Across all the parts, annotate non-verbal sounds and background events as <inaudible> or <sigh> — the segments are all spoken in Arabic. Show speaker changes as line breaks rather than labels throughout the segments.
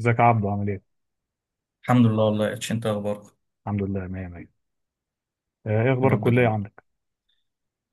ازيك يا عبدو عامل ايه؟
الحمد لله والله، يا اتش انت إيه اخبارك؟
الحمد لله، مية مية. ايه
يا
اخبار
رب
الكلية
دايما.
عندك؟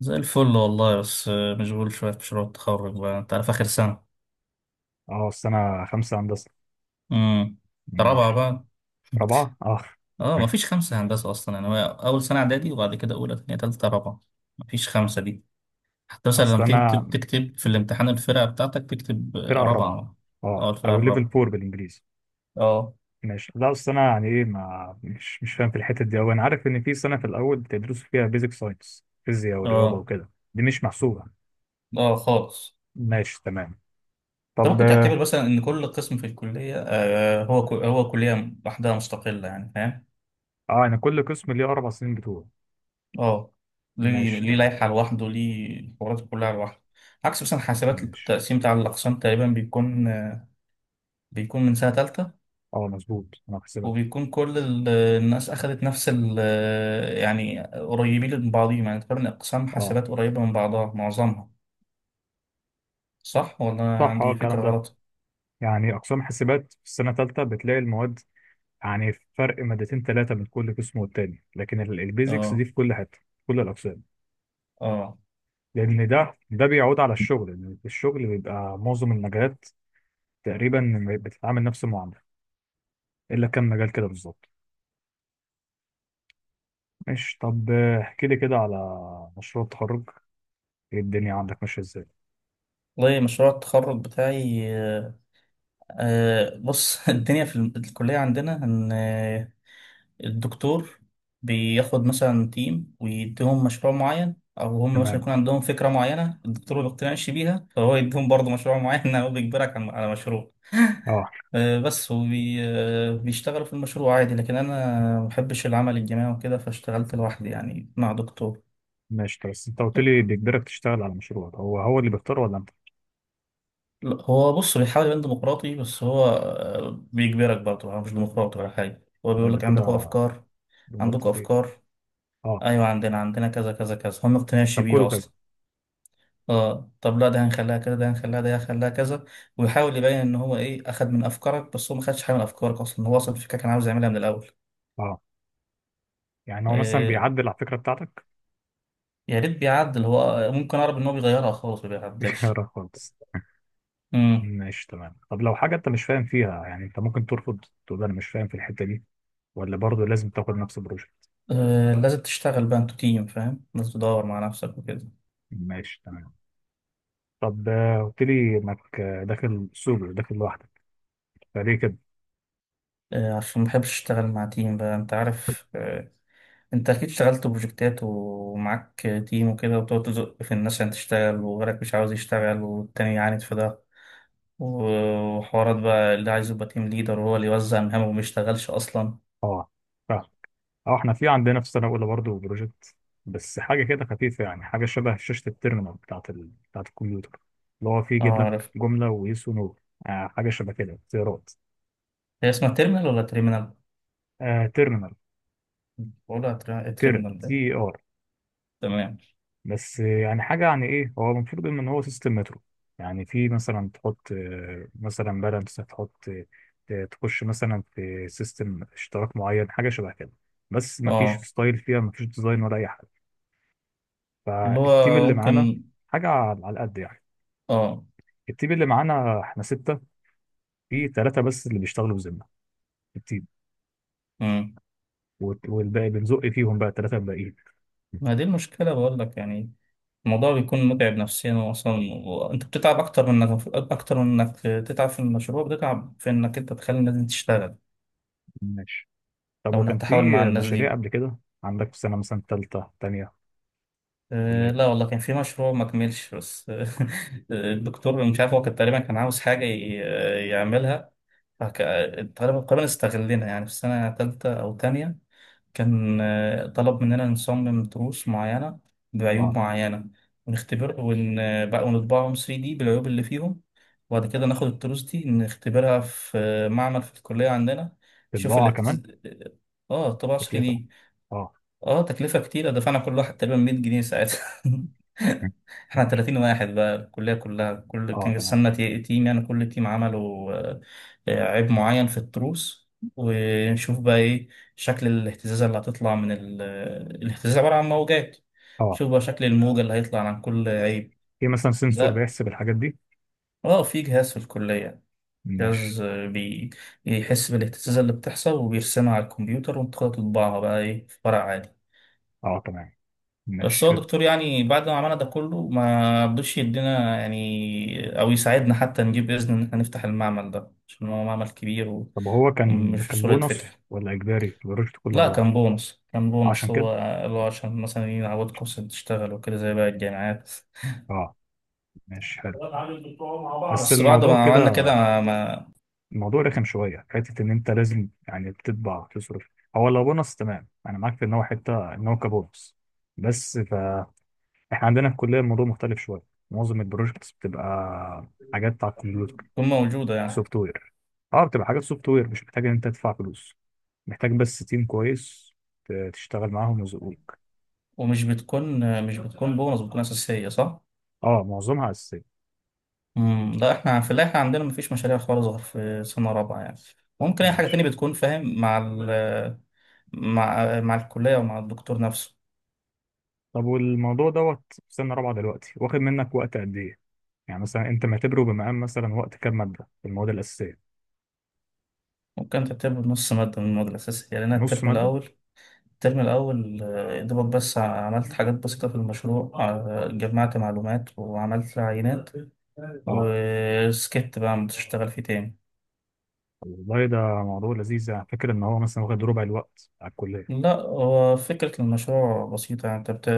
زي الفل والله، بس مشغول شويه في مشروع التخرج. بقى انت عارف، اخر سنه.
اه، السنة خمسة هندسة.
امم. رابعه
ماشي.
بقى. <laughs>
رابعة؟ اه.
اه، مفيش خمسه هندسه اصلا، يعني هو اول سنه اعدادي وبعد كده اولى، ثانيه، ثالثه، رابعه. مفيش خمسه دي. حتى مثلا
اصل
لما
انا
تكتب، تكتب في الامتحان الفرقه بتاعتك، تكتب
فرقة الرابعة.
رابعه.
اه،
اه، الفرقه
او ليفل
الرابعه.
فور بالانجليزي.
اه.
ماشي. لا، اصل انا يعني ايه، ما مش فاهم في الحتة دي اوي. انا عارف ان في سنة في الاول بتدرسوا فيها بيزك ساينس، فيزياء ورياضة
اه.
وكده، دي مش محسوبة.
اه، خالص.
ماشي تمام.
انت
طب
ممكن تعتبر مثلا ان كل
ماشي.
قسم في الكليه، آه، هو هو كليه لوحدها مستقله، يعني فاهم.
اه، انا كل قسم ليه 4 سنين بتوع.
اه، ليه
ماشي
ليه
تمام.
لائحة لوحده، ليه الحوارات كلها لوحده. عكس مثلا حاسبات،
ماشي،
التقسيم بتاع الأقسام تقريبا بيكون من سنة تالتة.
اه مظبوط، انا في حسابات.
وبيكون كل الناس أخدت نفس ال. يعني قريبين من بعضهم، يعني تقريبا أقسام
اه
حاسبات قريبة من بعضها معظمها. صح ولا أنا
صح، اه
عندي
الكلام
فكرة
ده.
غلط؟
يعني أقسام حاسبات في السنة الثالثة بتلاقي المواد يعني فرق مادتين ثلاثة بين كل قسم والتاني، لكن البيزكس دي
اه.
في كل حتة في كل الأقسام.
اه.
لأن ده بيعود على الشغل، لأن الشغل بيبقى معظم المجالات تقريبا بتتعامل نفس المعاملة، إلا كم مجال كده بالظبط. ماشي. طب احكي لي كده على مشروع التخرج. إيه الدنيا عندك ماشية إزاي؟
والله مشروع التخرج بتاعي، بص. <laughs> الدنيا في الكلية عندنا إن الدكتور بياخد مثلا تيم ويديهم مشروع معين، او هم مثلا
تمام.
يكون عندهم فكره معينه الدكتور ما بيقتنعش بيها، فهو يديهم برضه مشروع معين، <laughs> او بيجبرك على مشروع.
اه.
بس وبيشتغلوا في المشروع عادي، لكن انا ما بحبش العمل الجماعي وكده، فاشتغلت لوحدي يعني مع دكتور.
ماشي. طب بس انت قلت لي بيجبرك تشتغل على مشروع، هو هو اللي بيختار ولا انت؟
لا، هو بص بيحاول يبان ديمقراطي، بس هو بيجبرك برضه، هو مش ديمقراطي ولا حاجه. هو
لا،
بيقول
ده
لك: عندكم
كده،
افكار،
دي
عندكم
مراتب ايه.
افكار.
اه.
ايوه، عندنا كذا كذا كذا، هم ما بيقتنعش
طب
بيها
كله كذا؟
اصلا. اه، طب لا ده هنخليها كده، ده هنخليها، ده هنخليها كذا. ويحاول يبين ان هو ايه اخد من افكارك، بس هو ما خدش حاجه من افكارك اصلا، هو اصلا الفكره كان عاوز يعملها من الاول.
اه. يعني هو مثلا
إيه،
بيعدل على الفكرة بتاعتك؟
يا ريت بيعدل، هو ممكن اعرف ان هو بيغيرها خالص، ما
<laughs>
بيعدلش.
بيغيرها خالص.
امم.
ماشي تمام. طب لو حاجة انت مش فاهم فيها، يعني انت ممكن ترفض، تقول انا مش فاهم في الحتة دي، ولا برضه لازم تاخد نفس البروجكت؟
إيه، لازم تشتغل بقى انتوا تيم فاهم، لازم تدور مع نفسك وكده.
ماشي تمام. طب قلت لي انك داخل سولو، داخل لوحدك، فليه كده؟
إيه، عشان ما بحبش اشتغل مع تيم. بقى انت عارف إيه، انت اكيد اشتغلت بروجكتات ومعاك تيم وكده، وبتقعد تزق في الناس عشان تشتغل وغيرك مش عاوز يشتغل، والتاني يعاند في ده وحوارات بقى، اللي عايز يبقى تيم ليدر وهو اللي يوزع مهامه وما يشتغلش اصلا.
اه فاهم. اه، احنا في عندنا في سنة اولى برضه بروجكت، بس حاجة كده خفيفة، يعني حاجة شبه شاشة التيرمينال بتاعت الكمبيوتر، اللي هو فيه
اه،
يجيب لك
عارف.
جملة ويس ونو. حاجة شبه كده، اختيارات.
هي اسمها تيرمينال ولا تيرمينال؟
آه تيرمينال.
بقولها
تير
تيرمينال ده.
تي ار.
تمام.
بس يعني حاجة، يعني إيه، هو المفروض إن هو سيستم مترو. يعني في مثلا تحط مثلا بالانس، تحط تخش مثلا في سيستم اشتراك معين، حاجة شبه كده. بس مفيش
اه،
ستايل فيها، مفيش ديزاين ولا أي حاجة.
اللي
فالتيم
هو
اللي معانا
ممكن.
حاجة على قد يعني.
اه.
التيم اللي معانا إحنا ستة، في ثلاثة بس اللي بيشتغلوا بذمة في التيم،
مم.
والباقي بنزق فيهم بقى، الثلاثة الباقيين.
ما دي المشكلة بقول لك يعني، الموضوع بيكون متعب نفسيا اصلا. وانت بتتعب اكتر من انك تتعب في المشروع، بتتعب في انك انت تخلي الناس دي تشتغل.
ماشي. طب
او
وكان
انك
في
تحاول مع الناس
مشاريع
دي.
قبل كده، عندك في سنة مثلا تالتة تانية، ولا إيه؟
لا والله، كان في مشروع ما كملش بس، <laughs> الدكتور مش عارف، هو كان تقريبا كان عاوز حاجة يعملها. فك- تقريبا استغلنا يعني في سنة تالتة أو تانية. كان طلب مننا نصمم تروس معينة
أه.
بعيوب معينة، ونختبر ون... آه، بقى ونطبعهم 3D بالعيوب اللي فيهم، وبعد كده ناخد التروس دي نختبرها في معمل في الكلية عندنا،
في
نشوف اللي.
البضاعة كمان.
اه، طباعة
تكلفة.
3D.
اه.
اه، تكلفة كتيرة، دفعنا كل واحد تقريبا 100 جنيه ساعتها. <laughs> احنا
ماشي.
30 واحد بقى الكلية كلها، كل،
اه
كان
تمام.
قسمنا تيم، يعني كل تيم عملوا عيب معين في التروس، ونشوف بقى ايه شكل الاهتزازة اللي هتطلع من ال. الاهتزاز عبارة عن موجات،
اه
شوف بقى شكل الموجة اللي هيطلع عن كل عيب.
في مثلا سنسور
لا.
بيحسب الحاجات دي.
اه، في جهاز في الكلية،
ماشي.
جهاز بيحس بالاهتزازة اللي بتحصل وبيرسمها على الكمبيوتر، وانت تطبعها بقى ايه في ورق.
اه تمام،
بس
ماشي
هو
حلو.
الدكتور يعني بعد ما عملنا ده كله، ما رضيش يدينا يعني او يساعدنا حتى نجيب اذن ان احنا نفتح المعمل ده، عشان هو معمل كبير و،
طب هو كان
ومش
كان
بسهوله
بونص
يتفتح.
ولا اجباري البروجكت كله
لا،
على بعضه؟
كان بونص، كان بونص
عشان
هو،
كده.
اللي هو عشان مثلا يعودكم عشان تشتغلوا وكده زي باقي الجامعات.
اه ماشي حلو. بس
بس بعد ما
الموضوع كده،
عملنا كده،
الموضوع رخم شويه حته ان انت لازم يعني بتطبع، تصرف. هو لو بونص تمام، انا معاك في ان هو حته ان هو كبونص، بس فاحنا عندنا في الكليه الموضوع مختلف شويه. معظم البروجكتس بتبقى حاجات على الكمبيوتر،
بتكون موجوده يعني.
سوفت وير. اه بتبقى حاجات سوفت وير، مش محتاج ان انت تدفع فلوس، محتاج بس تيم كويس تشتغل معاهم ويزقوك.
ومش بتكون مش بتكون بونص، بتكون اساسيه، صح.
اه معظمها اساسيه.
امم، لا، احنا في اللي احنا عندنا مفيش مشاريع خالص غير في سنة رابعة، يعني ممكن اي حاجة تانية
ماشي.
بتكون فاهم مع ال، مع مع الكلية ومع الدكتور نفسه.
طب والموضوع دوت في سنه رابعه دلوقتي واخد منك وقت قد ايه؟ يعني مثلا انت معتبره بمقام مثلا وقت كام ماده في المواد الاساسيه؟
ممكن تكتب نص مادة من المواد الأساسية، يعني أنا
نص
الترم
ماده.
الأول، يا دوبك بس عملت حاجات بسيطة في المشروع، جمعت معلومات وعملت عينات، <laughs>
اه.
وسكت بقى مش هشتغل فيه تاني.
طب والله ده موضوع لذيذ، يعني فاكر ان هو مثلا واخد ربع الوقت على الكليه.
لا، هو فكرة المشروع بسيطة، يعني أنت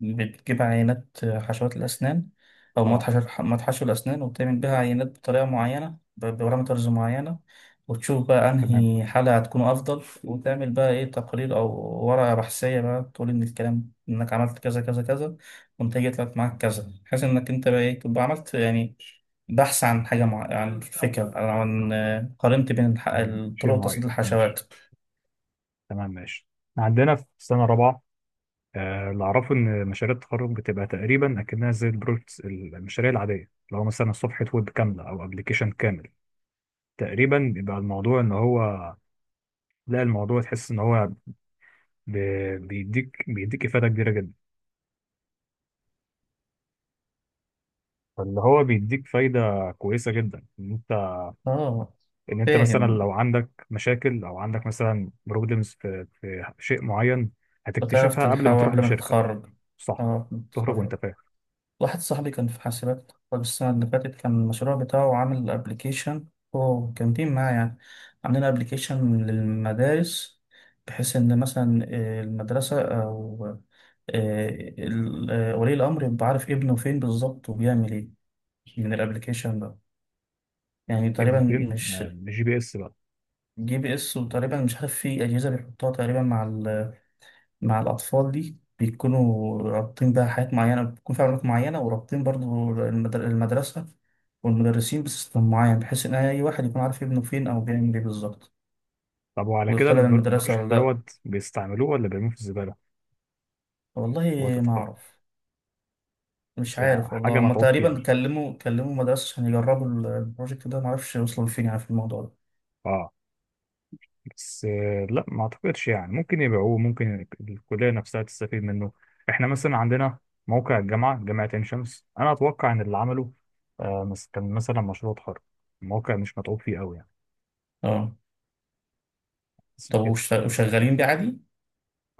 بتجيب عينات حشوات الأسنان، أو مواد
اه
حشو، الأسنان، وبتعمل بيها عينات بطريقة معينة، ببارامترز معينة، وتشوف بقى
تمام.
أنهي حالة هتكون أفضل، وتعمل بقى إيه تقرير أو ورقة بحثية بقى تقول إن الكلام إنك عملت كذا كذا كذا، والنتيجة طلعت معاك كذا، بحيث إنك أنت بقى إيه تبقى عملت يعني بحث عن حاجة، عن فكرة، قارنت بين
يعني شيء
طرق
معين،
تصدير الحشوات.
ماشي. تمام، ماشي. إحنا عندنا في سنه رابعه اللي أعرفه إن مشاريع التخرج بتبقى تقريبا أكنها زي البروجكتس، المشاريع العادية، اللي هو مثلا صفحة ويب كاملة أو أبلكيشن كامل. تقريبا بيبقى الموضوع إن هو، لا، الموضوع تحس إن هو بيديك إفادة كبيرة جدا. فاللي هو بيديك فايدة كويسة جدا، إن أنت،
آه.
إن أنت مثلا
فاهم.
لو عندك مشاكل، أو عندك مثلا بروبلمز في شيء معين،
بتعرف
هتكتشفها قبل ما
تلحقه
تروح
قبل ما
لشركة.
تتخرج.
صح.
اه، قبل ما
تخرج وأنت
تتخرج.
فاهم.
واحد صاحبي كان في حاسبات، اتخرج السنة اللي فاتت، كان المشروع بتاعه عامل ابلكيشن. هو كان تيم معاه يعني، عاملين ابلكيشن للمدارس، بحيث ان مثلا المدرسة او آه، ولي الامر يبقى عارف ابنه فين بالظبط وبيعمل ايه من الابلكيشن ده، يعني
ابنه
تقريبا.
فين
مش.
بالجي بي إس بقى.
جي بي اس وتقريبا مش عارف، في اجهزة بيحطها تقريبا مع مع الأطفال دي، بيكونوا رابطين بقى حاجات معينة، بيكون في علاقات معينة، ورابطين برضو المدرسة والمدرسين بسيستم معين، بحيث إن أي واحد يكون عارف ابنه فين أو بيعمل إيه بالظبط،
طب وعلى كده
ويطلع من المدرسة
البروجكت
ولا لأ.
دوت بيستعملوه ولا بيرموه في الزبالة
والله
وقت
ما
التخرج؟
أعرف. مش
بس
عارف
حاجة
والله، هما
متعوب فيها.
تقريبا كلموا مدرسة عشان يجربوا البروجكت ده، معرفش وصلوا لفين يعني في الموضوع ده.
اه. بس لا، ما اعتقدش. يعني ممكن يبيعوه، ممكن الكلية نفسها تستفيد منه. احنا مثلا عندنا موقع الجامعة، جامعة عين شمس، انا اتوقع ان اللي عمله كان مثلا مشروع تخرج. الموقع مش متعوب فيه قوي يعني،
اه،
بس
طب
كده.
وشغالين بيه عادي؟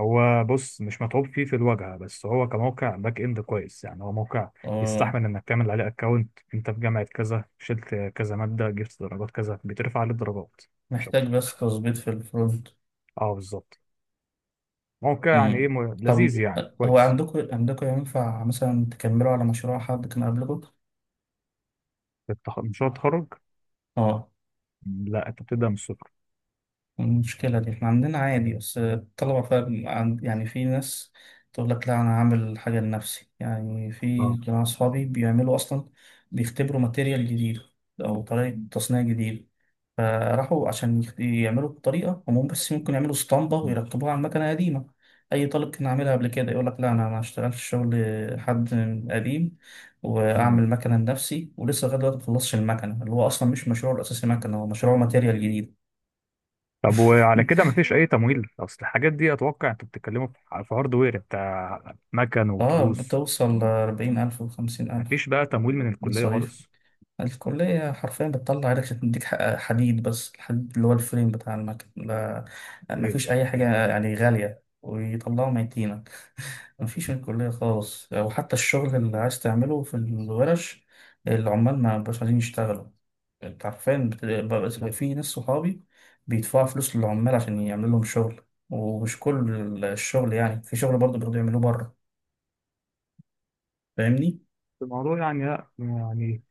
هو بص مش متعوب فيه في الواجهه، بس هو كموقع باك اند كويس. يعني هو موقع
اه،
يستحمل انك تعمل عليه اكونت، انت في جامعه كذا، شلت كذا ماده، جبت درجات كذا، بترفع عليه الدرجات. مش
محتاج
اكتر.
بس تظبيط في الفرونت.
اه بالظبط. موقع يعني ايه
امم.
لذيذ،
طب
يعني
هو
كويس.
عندكم ينفع مثلا تكملوا على مشروع حد كان قبلكم؟
مشروع التخرج؟
اه،
لا، انت بتبدا من الصفر.
المشكلة دي احنا عندنا عادي، بس الطلبة فاهم يعني في ناس تقول لك لا أنا هعمل حاجة لنفسي، يعني في
اه
جماعة صحابي بيعملوا أصلا بيختبروا ماتيريال جديد أو طريقة تصنيع جديدة، فراحوا عشان يعملوا الطريقة هم، بس ممكن يعملوا اسطمبة ويركبوها على مكنة قديمة. أي طالب كان عاملها قبل كده يقول لك: لا أنا ما أشتغلش شغل حد قديم،
تمام.
وأعمل مكنة لنفسي. ولسه لغاية دلوقتي ما خلصش المكنة، اللي هو أصلا مش مشروعه الأساسي مكنة، هو مشروعه ماتيريال جديد.
طب وعلى كده
<laughs>
مفيش اي تمويل؟ اصل الحاجات دي اتوقع انتوا بتتكلموا في هاردوير بتاع مكن وتروس.
بتوصل 40 ألف وخمسين ألف
مفيش بقى تمويل من الكليه
مصاريف.
خالص؟
الكلية حرفيا بتطلع عينك عشان تديك حديد، بس الحديد اللي هو الفريم بتاع المكنة،
ليه؟
مفيش أي حاجة يعني غالية ويطلعوا ميتينة. مفيش الكلية خالص، أو حتى الشغل اللي عايز تعمله في الورش، العمال ما بقاش عايزين يشتغلوا. أنت عارفين، بقى في ناس صحابي بيدفعوا فلوس للعمال عشان يعملوا لهم شغل، ومش كل الشغل يعني، في شغل برضه بيقدروا يعملوه بره، فاهمني؟
الموضوع يعني لا يعني،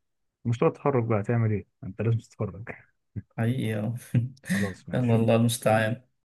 مشروع التخرج بقى هتعمل ايه، انت لازم تتخرج. <laughs>
حقيقي. <laughs> آه.
خلاص
يلا،
ماشي.
الله المستعان.